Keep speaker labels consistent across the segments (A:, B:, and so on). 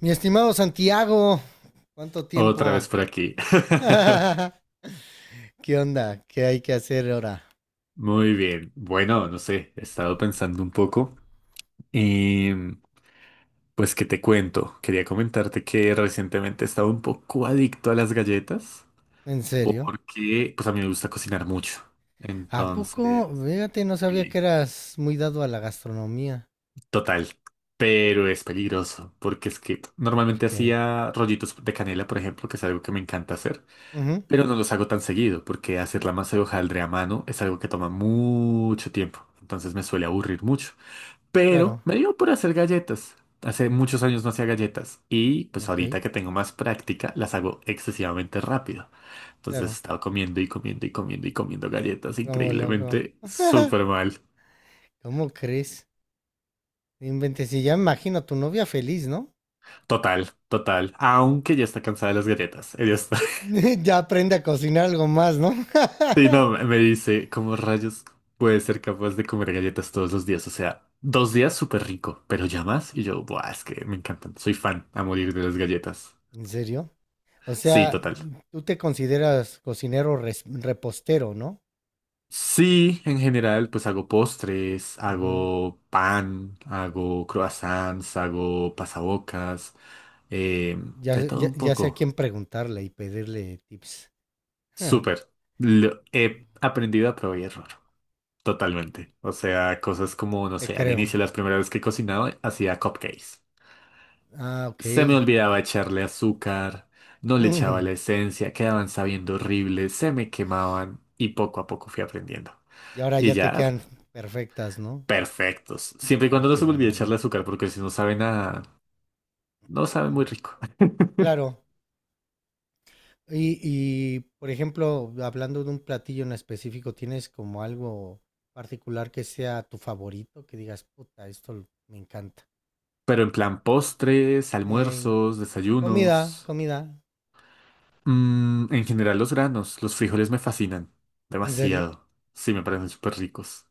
A: Mi estimado Santiago, ¿cuánto
B: Otra
A: tiempo?
B: vez por aquí.
A: ¿Qué onda? ¿Qué hay que hacer ahora?
B: Muy bien. Bueno, no sé, he estado pensando un poco y pues qué te cuento. Quería comentarte que recientemente he estado un poco adicto a las galletas
A: ¿En serio?
B: porque pues a mí me gusta cocinar mucho.
A: ¿A poco?
B: Entonces,
A: Fíjate, no sabía que
B: sí,
A: eras muy dado a la gastronomía.
B: total. Pero es peligroso porque es que normalmente
A: Porque.
B: hacía rollitos de canela, por ejemplo, que es algo que me encanta hacer.
A: Ujú,
B: Pero no los hago tan seguido, porque hacer la masa de hojaldre a mano es algo que toma mucho tiempo, entonces me suele aburrir mucho. Pero
A: claro.
B: me dio por hacer galletas. Hace muchos años no hacía galletas y pues
A: Ok,
B: ahorita que tengo más práctica las hago excesivamente rápido. Entonces he
A: claro.
B: estado comiendo y comiendo y comiendo y comiendo galletas
A: ¿Cómo loco?
B: increíblemente súper mal.
A: ¿Cómo crees? No inventes, y ya me imagino a tu novia feliz, ¿no?
B: Total, total. Aunque ya está cansada de las galletas. Ella está.
A: Ya aprende a cocinar algo más, ¿no?
B: Sí, no, me dice, ¿cómo rayos puede ser capaz de comer galletas todos los días? O sea, 2 días súper rico, pero ya más. Y yo, buah, es que me encantan. Soy fan a morir de las galletas.
A: ¿En serio? O
B: Sí,
A: sea,
B: total.
A: tú te consideras cocinero repostero, ¿no?
B: Sí, en general, pues hago postres,
A: Ujú.
B: hago pan, hago croissants, hago pasabocas, eh,
A: Ya,
B: de
A: sé-
B: todo
A: ya,
B: un
A: ya sé a
B: poco.
A: quién preguntarle y pedirle tips. Ja,
B: Súper. He aprendido a probar y error. Totalmente. O sea, cosas como, no
A: te
B: sé, al
A: creo.
B: inicio, las primeras veces que cocinaba, hacía cupcakes.
A: Ah, ok.
B: Se me olvidaba echarle azúcar, no le echaba
A: Ujú.
B: la esencia, quedaban sabiendo horrible, se me quemaban y poco a poco fui aprendiendo.
A: Y ahora
B: Y
A: ya te
B: ya,
A: quedan perfectas, ¿no?
B: perfectos. Siempre y
A: Ah,
B: cuando no
A: qué
B: se me olvide
A: buena onda.
B: echarle azúcar, porque si no sabe nada, no sabe muy rico.
A: Claro. Por ejemplo, hablando de un platillo en específico, ¿tienes como algo particular que sea tu favorito? Que digas, puta, esto me encanta.
B: Pero en plan postres,
A: Eh,
B: almuerzos,
A: comida,
B: desayunos.
A: comida.
B: En general los granos, los frijoles me fascinan
A: ¿En serio?
B: demasiado. Sí, me parecen súper ricos.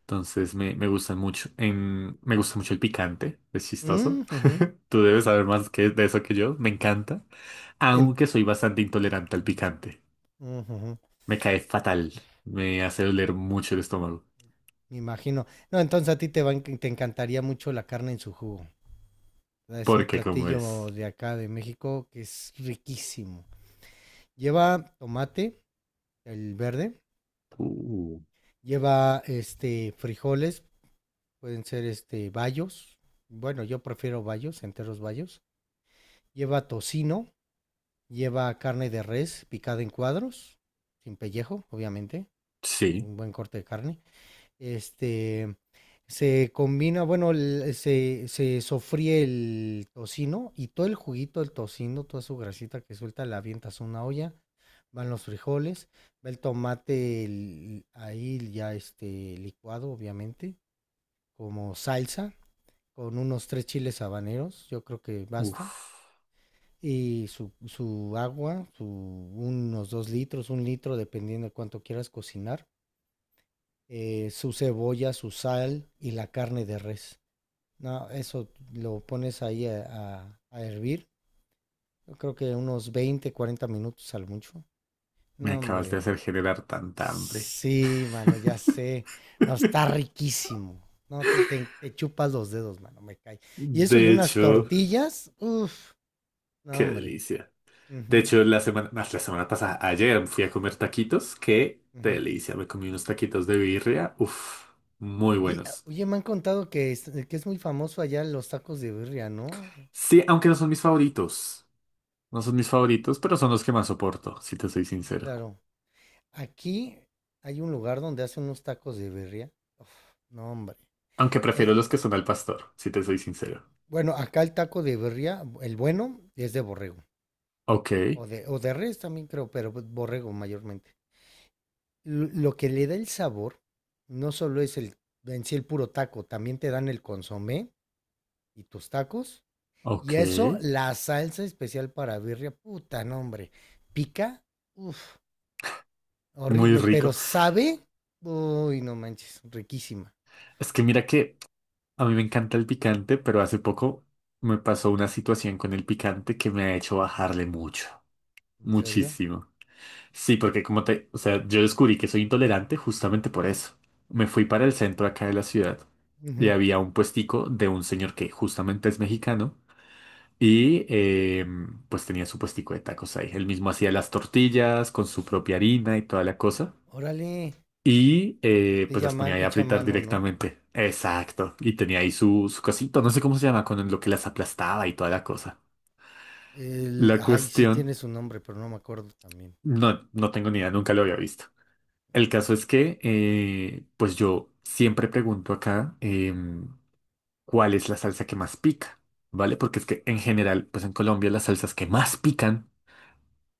B: Entonces me gustan mucho. Me gusta mucho el picante, es chistoso.
A: Ujú.
B: Tú debes saber más que, de eso que yo, me encanta.
A: En-
B: Aunque soy bastante intolerante al picante.
A: ujujú.
B: Me cae fatal. Me hace doler mucho el estómago.
A: Me imagino. No, entonces a ti te va te encantaría mucho la carne en su jugo. Es un
B: Porque como es.
A: platillo de acá de México que es riquísimo. Lleva tomate, el verde,
B: Uh,
A: lleva este frijoles, pueden ser este bayos. Bueno, yo prefiero bayos, enteros bayos. Lleva tocino, lleva carne de res picada en cuadros, sin pellejo, obviamente,
B: Sí.
A: un buen corte de carne. Este, se combina, bueno, se sofríe el tocino y todo el juguito del tocino, toda su grasita que suelta, la avientas a una olla, van los frijoles, va el tomate ahí ya este licuado, obviamente, como salsa, con unos tres chiles habaneros, yo creo que basta.
B: Uf,
A: Y su agua, unos 2 litros, 1 litro, dependiendo de cuánto quieras cocinar, su cebolla, su sal y la carne de res. No, eso lo pones ahí a, a hervir. Yo creo que unos 20, 40 minutos al mucho.
B: me
A: No,
B: acabas de
A: hombre.
B: hacer generar tanta hambre.
A: Sí, mano, ya sé. No, está riquísimo. No, te chupas los dedos, mano, me cae. Y eso y
B: De
A: unas
B: hecho,
A: tortillas. Uf, no,
B: qué
A: hombre.
B: delicia. De
A: Ujú,
B: hecho, más la semana pasada, ayer fui a comer taquitos. Qué
A: ujú.
B: delicia. Me comí unos taquitos de birria. Uf, muy
A: Y, ah,
B: buenos.
A: oye, me han contado que es, muy famoso allá los tacos de birria, ¿no?
B: Sí, aunque no son mis favoritos. No son mis favoritos, pero son los que más soporto, si te soy sincero.
A: Claro. Aquí hay un lugar donde hacen unos tacos de birria. Uf, no, hombre.
B: Aunque prefiero
A: Es,
B: los que son al pastor, si te soy sincero.
A: bueno, acá el taco de birria, el bueno, es de borrego.
B: Ok,
A: o de res también creo, pero pues borrego mayormente. Lo que le da el sabor no solo es en sí el puro taco, también te dan el consomé y tus tacos. Y eso,
B: ok.
A: la salsa especial para birria, puta, no, hombre. Pica, uff,
B: Muy
A: horrible, pero
B: rico.
A: sabe, uy, no manches, riquísima.
B: Es que mira que a mí me encanta el picante, pero hace poco me pasó una situación con el picante que me ha hecho
A: Ujú.
B: bajarle mucho.
A: ¿En serio?
B: Muchísimo. Sí, porque como te, o sea, yo descubrí que soy intolerante justamente por eso. Me fui para el centro acá de la ciudad y
A: Ujú.
B: había un puestico de un señor que justamente es mexicano y pues tenía su puestico de tacos ahí. Él mismo hacía las tortillas con su propia harina y toda la cosa
A: Órale,
B: y pues
A: tortilla
B: las ponía ahí a
A: hecha a
B: fritar
A: mano, ¿no?
B: directamente. Exacto. Y tenía ahí su cosito, no sé cómo se llama, con lo que las aplastaba y toda la cosa. La
A: Ay, sí
B: cuestión,
A: tiene su nombre, pero no me acuerdo también.
B: no, no tengo ni idea, nunca lo había visto. El caso
A: Ujú.
B: es que, pues yo siempre pregunto acá cuál es la salsa que más pica, ¿vale? Porque es que en general, pues en Colombia las salsas que más pican,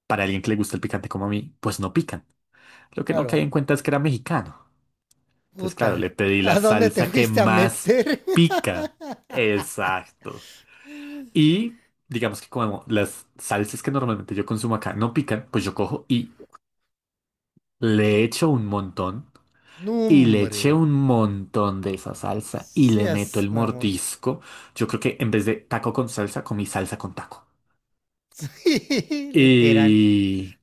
B: para alguien que le gusta el picante como a mí, pues no pican. Lo que no caí
A: Claro,
B: en cuenta es que era mexicano. Entonces,
A: puta,
B: claro, le pedí la
A: ¿a dónde te
B: salsa que
A: fuiste a
B: más
A: meter?
B: pica. Exacto. Y digamos que como las salsas que normalmente yo consumo acá no pican, pues yo cojo y le echo un montón. Y le
A: Nombre,
B: eché un montón de esa salsa y le meto
A: seas
B: el
A: mamón.
B: mordisco. Yo creo que en vez de taco con salsa, comí salsa con taco.
A: Sí, literal.
B: Y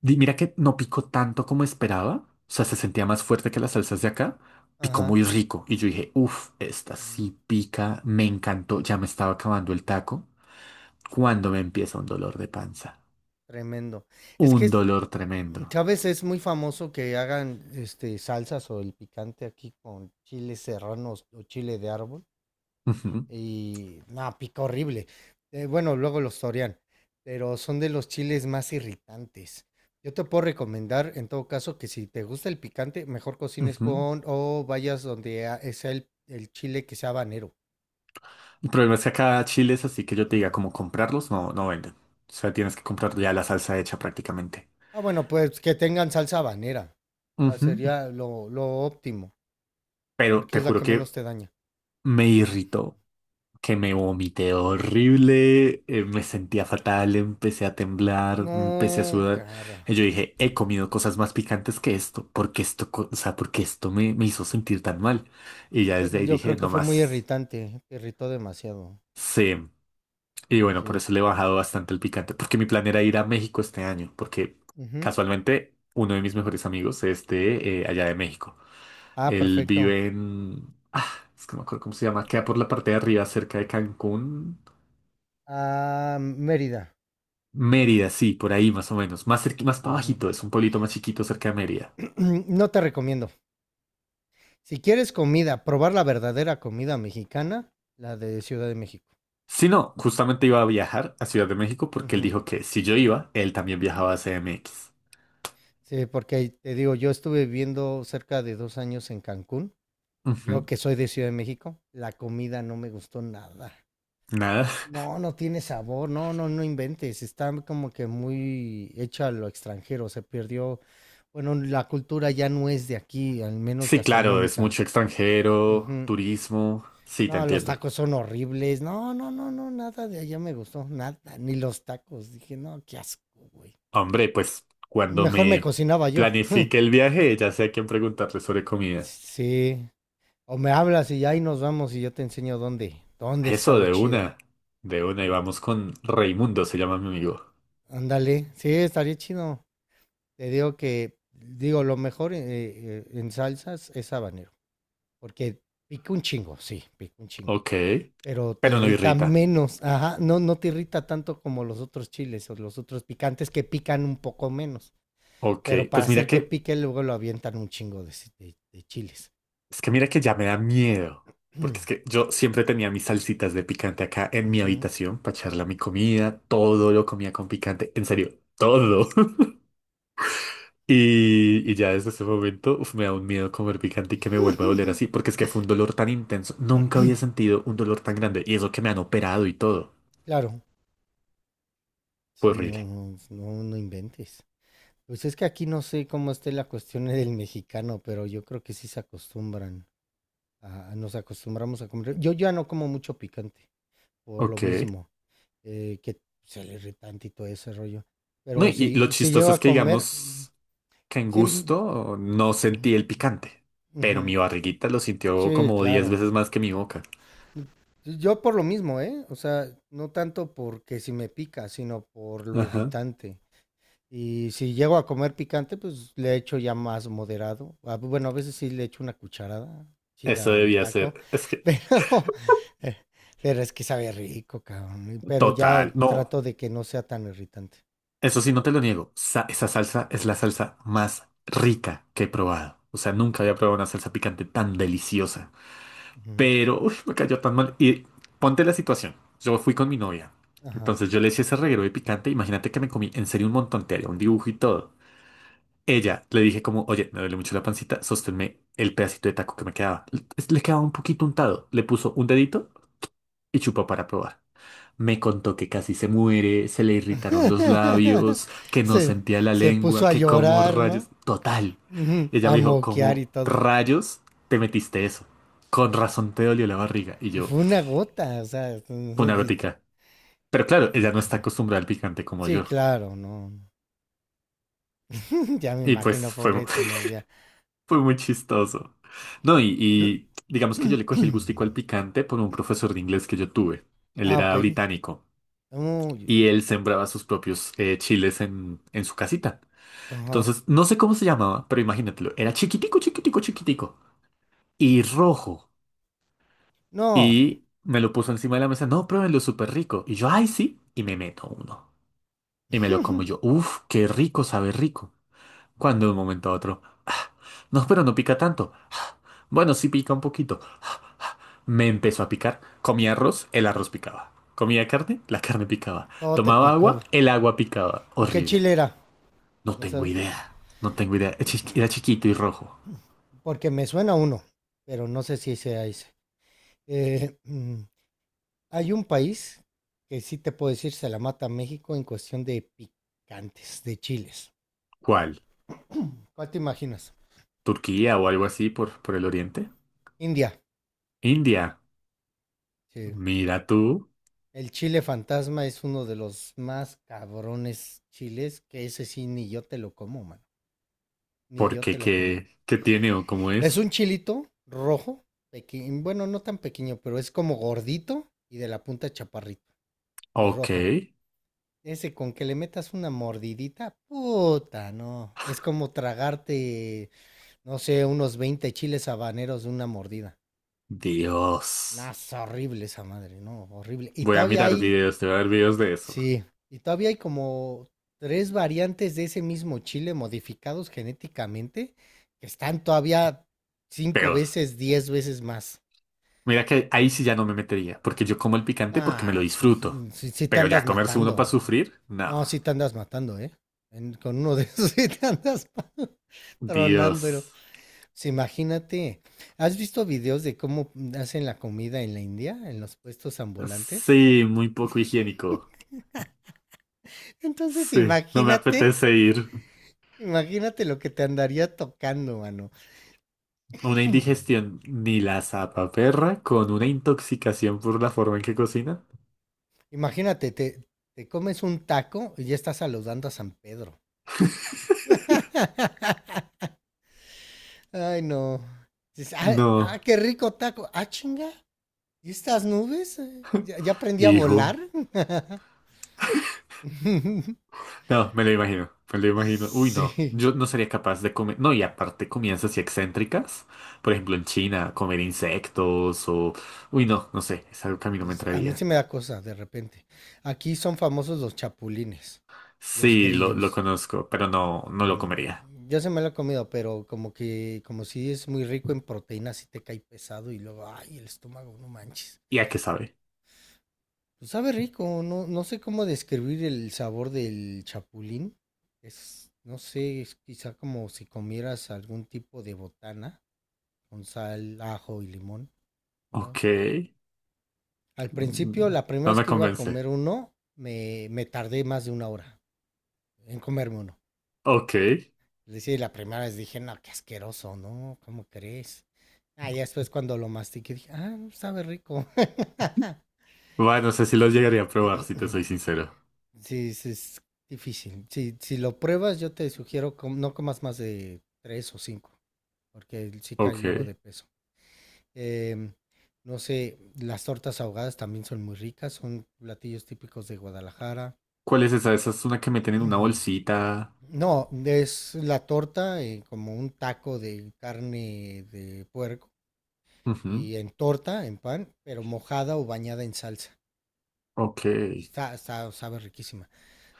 B: mira que no picó tanto como esperaba. O sea, se sentía más fuerte que las salsas de acá. Picó muy
A: Ajá.
B: rico. Y yo dije, uff, esta
A: Mm.
B: sí pica. Me encantó. Ya me estaba acabando el taco. Cuando me empieza un dolor de panza.
A: Tremendo. Es
B: Un
A: que,
B: dolor tremendo.
A: ¿sabes? Es muy famoso que hagan este salsas o el picante aquí con chiles serranos o chile de árbol.
B: Ujú,
A: Y no, pica horrible. Bueno, luego los torean, pero son de los chiles más irritantes. Yo te puedo recomendar, en todo caso, que si te gusta el picante, mejor cocines
B: ujú.
A: con o vayas donde sea el chile que sea habanero.
B: El problema es que acá Chile es así que yo te diga
A: Mm.
B: como comprarlos, no, no venden. O sea, tienes que comprar ya la salsa hecha prácticamente.
A: Ah, bueno, pues que tengan salsa habanera. O sea,
B: Ujú.
A: sería lo, óptimo,
B: Pero
A: porque
B: te
A: es la
B: juro
A: que
B: que
A: menos te daña.
B: me irritó, que me vomité horrible, me sentía fatal, empecé a temblar, empecé a
A: No,
B: sudar.
A: cara.
B: Y yo dije, he comido cosas más picantes que esto, porque esto, o sea, porque esto me hizo sentir tan mal. Y ya desde ahí
A: Yo
B: dije,
A: creo que
B: no
A: fue muy
B: más.
A: irritante, te irritó demasiado.
B: Sí. Y bueno, por
A: Sí.
B: eso le he bajado bastante el picante, porque mi plan era ir a México este año, porque
A: Ujú.
B: casualmente uno de mis mejores amigos es de allá de México.
A: Ah,
B: Él
A: perfecto.
B: vive en... Ah, es que no me acuerdo cómo se llama, queda por la parte de arriba, cerca de Cancún.
A: A Mérida.
B: Mérida, sí, por ahí más o menos, más más para
A: Ujú.
B: bajito, es un pueblito más chiquito cerca de Mérida.
A: No te recomiendo. Si quieres comida, probar la verdadera comida mexicana, la de Ciudad de México.
B: Si no, justamente iba a viajar a Ciudad de México porque él
A: Ujú.
B: dijo que si yo iba, él también viajaba a CDMX.
A: Sí, porque ahí te digo, yo estuve viviendo cerca de 2 años en Cancún.
B: Ujú,
A: Yo que soy de Ciudad de México, la comida no me gustó nada.
B: nada.
A: No, no tiene sabor, no, no, no inventes. Está como que muy hecha a lo extranjero. Se perdió, bueno, la cultura ya no es de aquí, al menos
B: Sí, claro, es
A: gastronómica.
B: mucho extranjero,
A: Ujú.
B: turismo. Sí, te
A: No, los
B: entiendo.
A: tacos son horribles. No, no, no, no, nada de allá me gustó, nada, ni los tacos. Dije, no, qué asco, güey.
B: Hombre, pues cuando
A: Mejor me
B: me
A: cocinaba yo.
B: planifique el viaje, ya sé a quién preguntarle sobre comida.
A: Sí. O me hablas y ahí nos vamos y yo te enseño dónde está
B: Eso,
A: lo
B: de
A: chido.
B: una. De una, y vamos con Raimundo, se llama mi amigo.
A: Ándale, sí, estaría chido. Te digo que, digo, lo mejor en salsas es habanero, porque pica un chingo, sí, pica un chingo,
B: Ok.
A: pero te
B: Pero no
A: irrita
B: irrita.
A: menos, ajá, no, no te irrita tanto como los otros chiles o los otros picantes que pican un poco menos.
B: Ok.
A: Pero para hacer que pique, luego lo avientan un chingo de chiles.
B: Es que mira que ya me da miedo. Porque es que yo siempre tenía mis salsitas de picante acá en mi
A: Ujú.
B: habitación para echarle a mi comida. Todo lo comía con picante. En serio, todo. Y ya desde ese momento, uf, me da un miedo comer picante y que me vuelva a doler así, porque es que fue un dolor tan intenso. Nunca había sentido un dolor tan grande y eso que me han operado y todo.
A: Claro,
B: Fue
A: si no,
B: horrible.
A: no, no, no inventes. Pues es que aquí no sé cómo esté la cuestión del mexicano, pero yo creo que sí se acostumbran. Nos acostumbramos a comer. Yo ya no como mucho picante, por lo
B: Ok.
A: mismo, que se le irritante y todo ese rollo.
B: No,
A: Pero
B: y lo
A: si llego
B: chistoso es
A: a
B: que
A: comer,
B: digamos que en
A: sí,
B: gusto no sentí el picante, pero mi
A: ujú,
B: barriguita lo sintió
A: sí,
B: como 10
A: claro.
B: veces más que mi boca.
A: Pues, yo por lo mismo, ¿eh? O sea, no tanto porque si me pica, sino por lo
B: Ajá.
A: irritante. Y si llego a comer picante, pues le echo ya más moderado. Bueno, a veces sí le echo una cucharada
B: Eso
A: chida al
B: debía
A: taco,
B: ser, es que,
A: pero, eh, pero es que sabe rico, cabrón. Pero ya
B: total, no.
A: trato de que no sea tan irritante.
B: Eso sí, no te lo niego. Esa salsa es la salsa más rica que he probado. O sea, nunca había probado una salsa picante tan deliciosa.
A: Ujú,
B: Pero, uy, me cayó tan mal. Y ponte la situación. Yo fui con mi novia.
A: ajá.
B: Entonces yo le hice ese reguero de picante. Imagínate que me comí en serio un montón. Te haría un dibujo y todo. Ella le dije como, oye, me duele mucho la pancita. Sosténme el pedacito de taco que me quedaba. Le quedaba un poquito untado. Le puso un dedito y chupó para probar. Me contó que casi se muere, se le irritaron los labios, que no
A: Se,
B: sentía la
A: se puso
B: lengua,
A: a
B: que como
A: llorar,
B: rayos...
A: ¿no?
B: Total.
A: Ujú.
B: Ella
A: A
B: me dijo,
A: moquear
B: ¿cómo
A: y todo.
B: rayos te metiste eso? Con razón te dolió la barriga. Y
A: Y
B: yo,
A: fue una gota, o sea,
B: fue una gotica. Pero claro, ella no está acostumbrada al picante como
A: sí,
B: yo.
A: claro, no. Ya me
B: Y pues
A: imagino,
B: fue,
A: pobre tu novia.
B: fue muy chistoso. No, y,
A: No-
B: y digamos que yo le cogí el gustico al picante por un profesor de inglés que yo tuve. Él
A: Ah, ok.
B: era británico
A: Uy,
B: y él sembraba sus propios chiles en su casita.
A: ajá.
B: Entonces, no sé cómo se llamaba, pero imagínatelo. Era chiquitico, chiquitico, chiquitico. Y rojo.
A: No,
B: Y me lo puso encima de la mesa. No, pruébenlo, súper rico. Y yo, ay, sí. Y me meto uno. Y me lo como yo. Uf, qué rico, sabe rico. Cuando de un momento a otro. "Ah, no, pero no pica tanto. Ah, bueno, sí pica un poquito. Ah, ah". Me empezó a picar. Comía arroz, el arroz picaba. Comía carne, la carne picaba.
A: todo te
B: Tomaba agua,
A: picó.
B: el agua picaba.
A: ¿Y qué
B: Horrible.
A: chile era?
B: No
A: ¿No
B: tengo
A: sabes?
B: idea. No tengo idea. Era era chiquito y rojo.
A: Porque me suena uno, pero no sé si sea ese. Eh, mm, hay un país que sí te puedo decir se la mata a México en cuestión de picantes, de chiles.
B: ¿Cuál?
A: ¿Cuál te imaginas?
B: Turquía o algo así por el oriente.
A: India.
B: India,
A: Sí.
B: mira tú,
A: El chile fantasma es uno de los más cabrones chiles, que ese sí ni yo te lo como, mano. Ni yo te
B: porque
A: lo como.
B: qué tiene o cómo
A: Es
B: es.
A: un chilito rojo, pequeño, bueno, no tan pequeño, pero es como gordito y de la punta chaparrito y
B: Ok,
A: rojo. Ese con que le metas una mordidita, puta, no. Es como tragarte, no sé, unos 20 chiles habaneros de una mordida. Ah,
B: Dios.
A: es horrible esa madre, no, horrible. Y
B: Voy a
A: todavía
B: mirar
A: hay
B: videos, te voy a ver videos de eso.
A: Sí, y todavía hay como tres variantes de ese mismo chile modificados genéticamente que están todavía cinco
B: Peor.
A: veces, 10 veces más.
B: Mira que ahí sí ya no me metería, porque yo como el picante porque me lo
A: Ah,
B: disfruto.
A: si te
B: Pero ya
A: andas
B: comerse uno
A: matando.
B: para sufrir, no.
A: No, si te andas matando, ¿eh? Con uno de esos si te andas
B: Dios.
A: tronándolo. Pues imagínate, ¿has visto videos de cómo hacen la comida en la India, en los puestos ambulantes?
B: Sí, muy poco higiénico.
A: Entonces
B: Sí, no me
A: imagínate,
B: apetece ir.
A: imagínate lo que te andaría tocando, mano.
B: Una
A: Hmm.
B: indigestión ni la zapaperra con una intoxicación por la forma en que cocina.
A: Imagínate, te comes un taco y ya estás saludando a San Pedro. Ay, no. Dices, "Ah,
B: No,
A: ah, qué rico taco. Ah, chinga. ¿Y estas nubes? ¿Ya aprendí a
B: hijo.
A: volar?
B: No, me lo imagino, me lo imagino. Uy, no,
A: Sí.
B: yo no sería capaz de comer. No, y aparte comidas así excéntricas. Por ejemplo, en China, comer insectos o... Uy, no, no sé, es algo que a mí no me
A: Dices, A mí
B: entraría.
A: se me da cosa de repente. Aquí son famosos los chapulines, los
B: Sí, lo
A: grillos.
B: conozco, pero no, no lo
A: Ujú.
B: comería.
A: Yo se me lo he comido, pero como que, como si es muy rico en proteínas, y te cae pesado y luego, ay, el estómago, no manches.
B: ¿Y a qué sabe?
A: Pues sabe rico, no, no sé cómo describir el sabor del chapulín. Es, no sé, es quizá como si comieras algún tipo de botana con sal, ajo y limón. Wow.
B: Ok.
A: Al principio,
B: mm,
A: la primera
B: No
A: vez
B: me
A: que iba a
B: convence.
A: comer uno, me tardé más de una hora en comerme uno.
B: Ok.
A: Es decir, la primera vez dije, no, qué asqueroso, ¿no? ¿Cómo crees? Ah, ya después cuando lo mastiqué dije, ah, sabe rico.
B: Bueno, no sé si lo llegaría a probar, si te soy sincero.
A: Sí, es difícil. Si lo pruebas, yo te sugiero no comas más de tres o cinco, porque sí cae luego
B: Ok.
A: de peso. Em, no sé, las tortas ahogadas también son muy ricas, son platillos típicos de Guadalajara.
B: ¿Cuál es esa? Esa es una que meten en una bolsita.
A: No, es la torta como un taco de carne de puerco
B: Ujú,
A: y en torta, en pan, pero mojada o bañada en salsa.
B: ok.
A: Y sabe riquísima.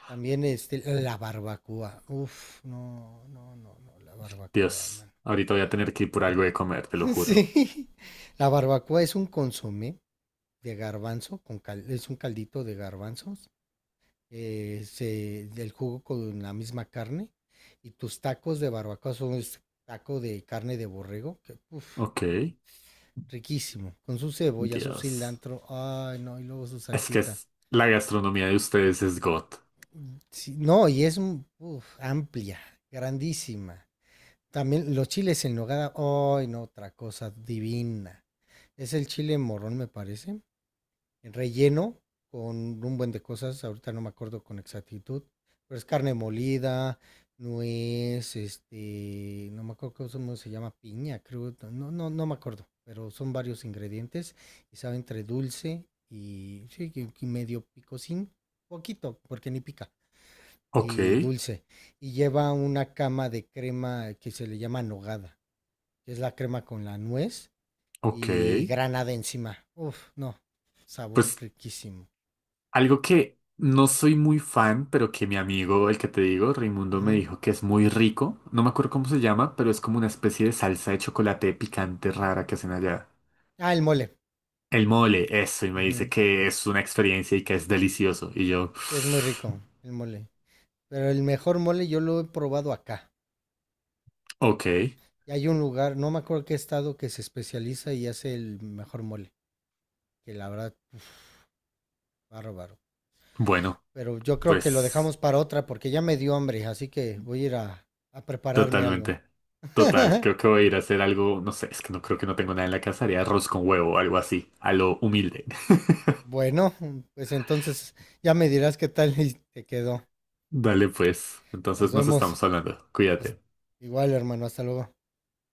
A: También este, la barbacoa. Uf, no, no, no, no, la barbacoa,
B: Dios,
A: mano.
B: ahorita voy a tener que ir por algo de comer, te lo juro.
A: Sí. La barbacoa es un consomé de garbanzo, es un caldito de garbanzos, del jugo con la misma carne. Y tus tacos de barbacoa son es taco de carne de borrego, que uf,
B: Ok,
A: no, riquísimo. Con su cebolla, su
B: Dios.
A: cilantro, ay, no, y luego su
B: Es que
A: salsita.
B: la gastronomía de ustedes es God.
A: Sí, no, y es uf, amplia, grandísima. También los chiles en nogada, ay, no, otra cosa divina. Es el chile morrón, me parece, relleno con un buen de cosas, ahorita no me acuerdo con exactitud, pero es carne molida, nuez, este, no me acuerdo cómo se llama, piña, creo, no, no, no me acuerdo, pero son varios ingredientes y sabe entre dulce y, sí, y medio picosín, poquito, porque ni pica,
B: Ok,
A: y dulce y lleva una cama de crema que se le llama nogada que es la crema con la nuez
B: ok.
A: y granada encima. Uf, no, sabor
B: Pues
A: riquísimo.
B: algo que no soy muy fan, pero que mi amigo, el que te digo, Raimundo, me
A: Ujú.
B: dijo que es muy rico. No me acuerdo cómo se llama, pero es como una especie de salsa de chocolate picante rara que hacen allá.
A: Ah, el mole.
B: El mole, eso, y me dice
A: Ujú.
B: que es una experiencia y que es delicioso. Y yo,
A: Sí, es muy rico el mole. Pero el mejor mole yo lo he probado acá.
B: ok,
A: Y hay un lugar, no me acuerdo qué estado, que se especializa y hace el mejor mole. Que la verdad, uf, bárbaro.
B: bueno,
A: Pero yo creo que lo
B: pues.
A: dejamos para otra porque ya me dio hambre, así que voy a ir a, prepararme algo.
B: Totalmente. Total, creo que voy a ir a hacer algo, no sé, es que no creo que no tengo nada en la casa, haré arroz con huevo o algo así, a lo humilde.
A: Bueno, pues entonces ya me dirás qué tal te quedó.
B: Dale pues,
A: Nos
B: entonces nos
A: vemos.
B: estamos hablando,
A: Hasta-
B: cuídate.
A: Igual, hermano, hasta luego.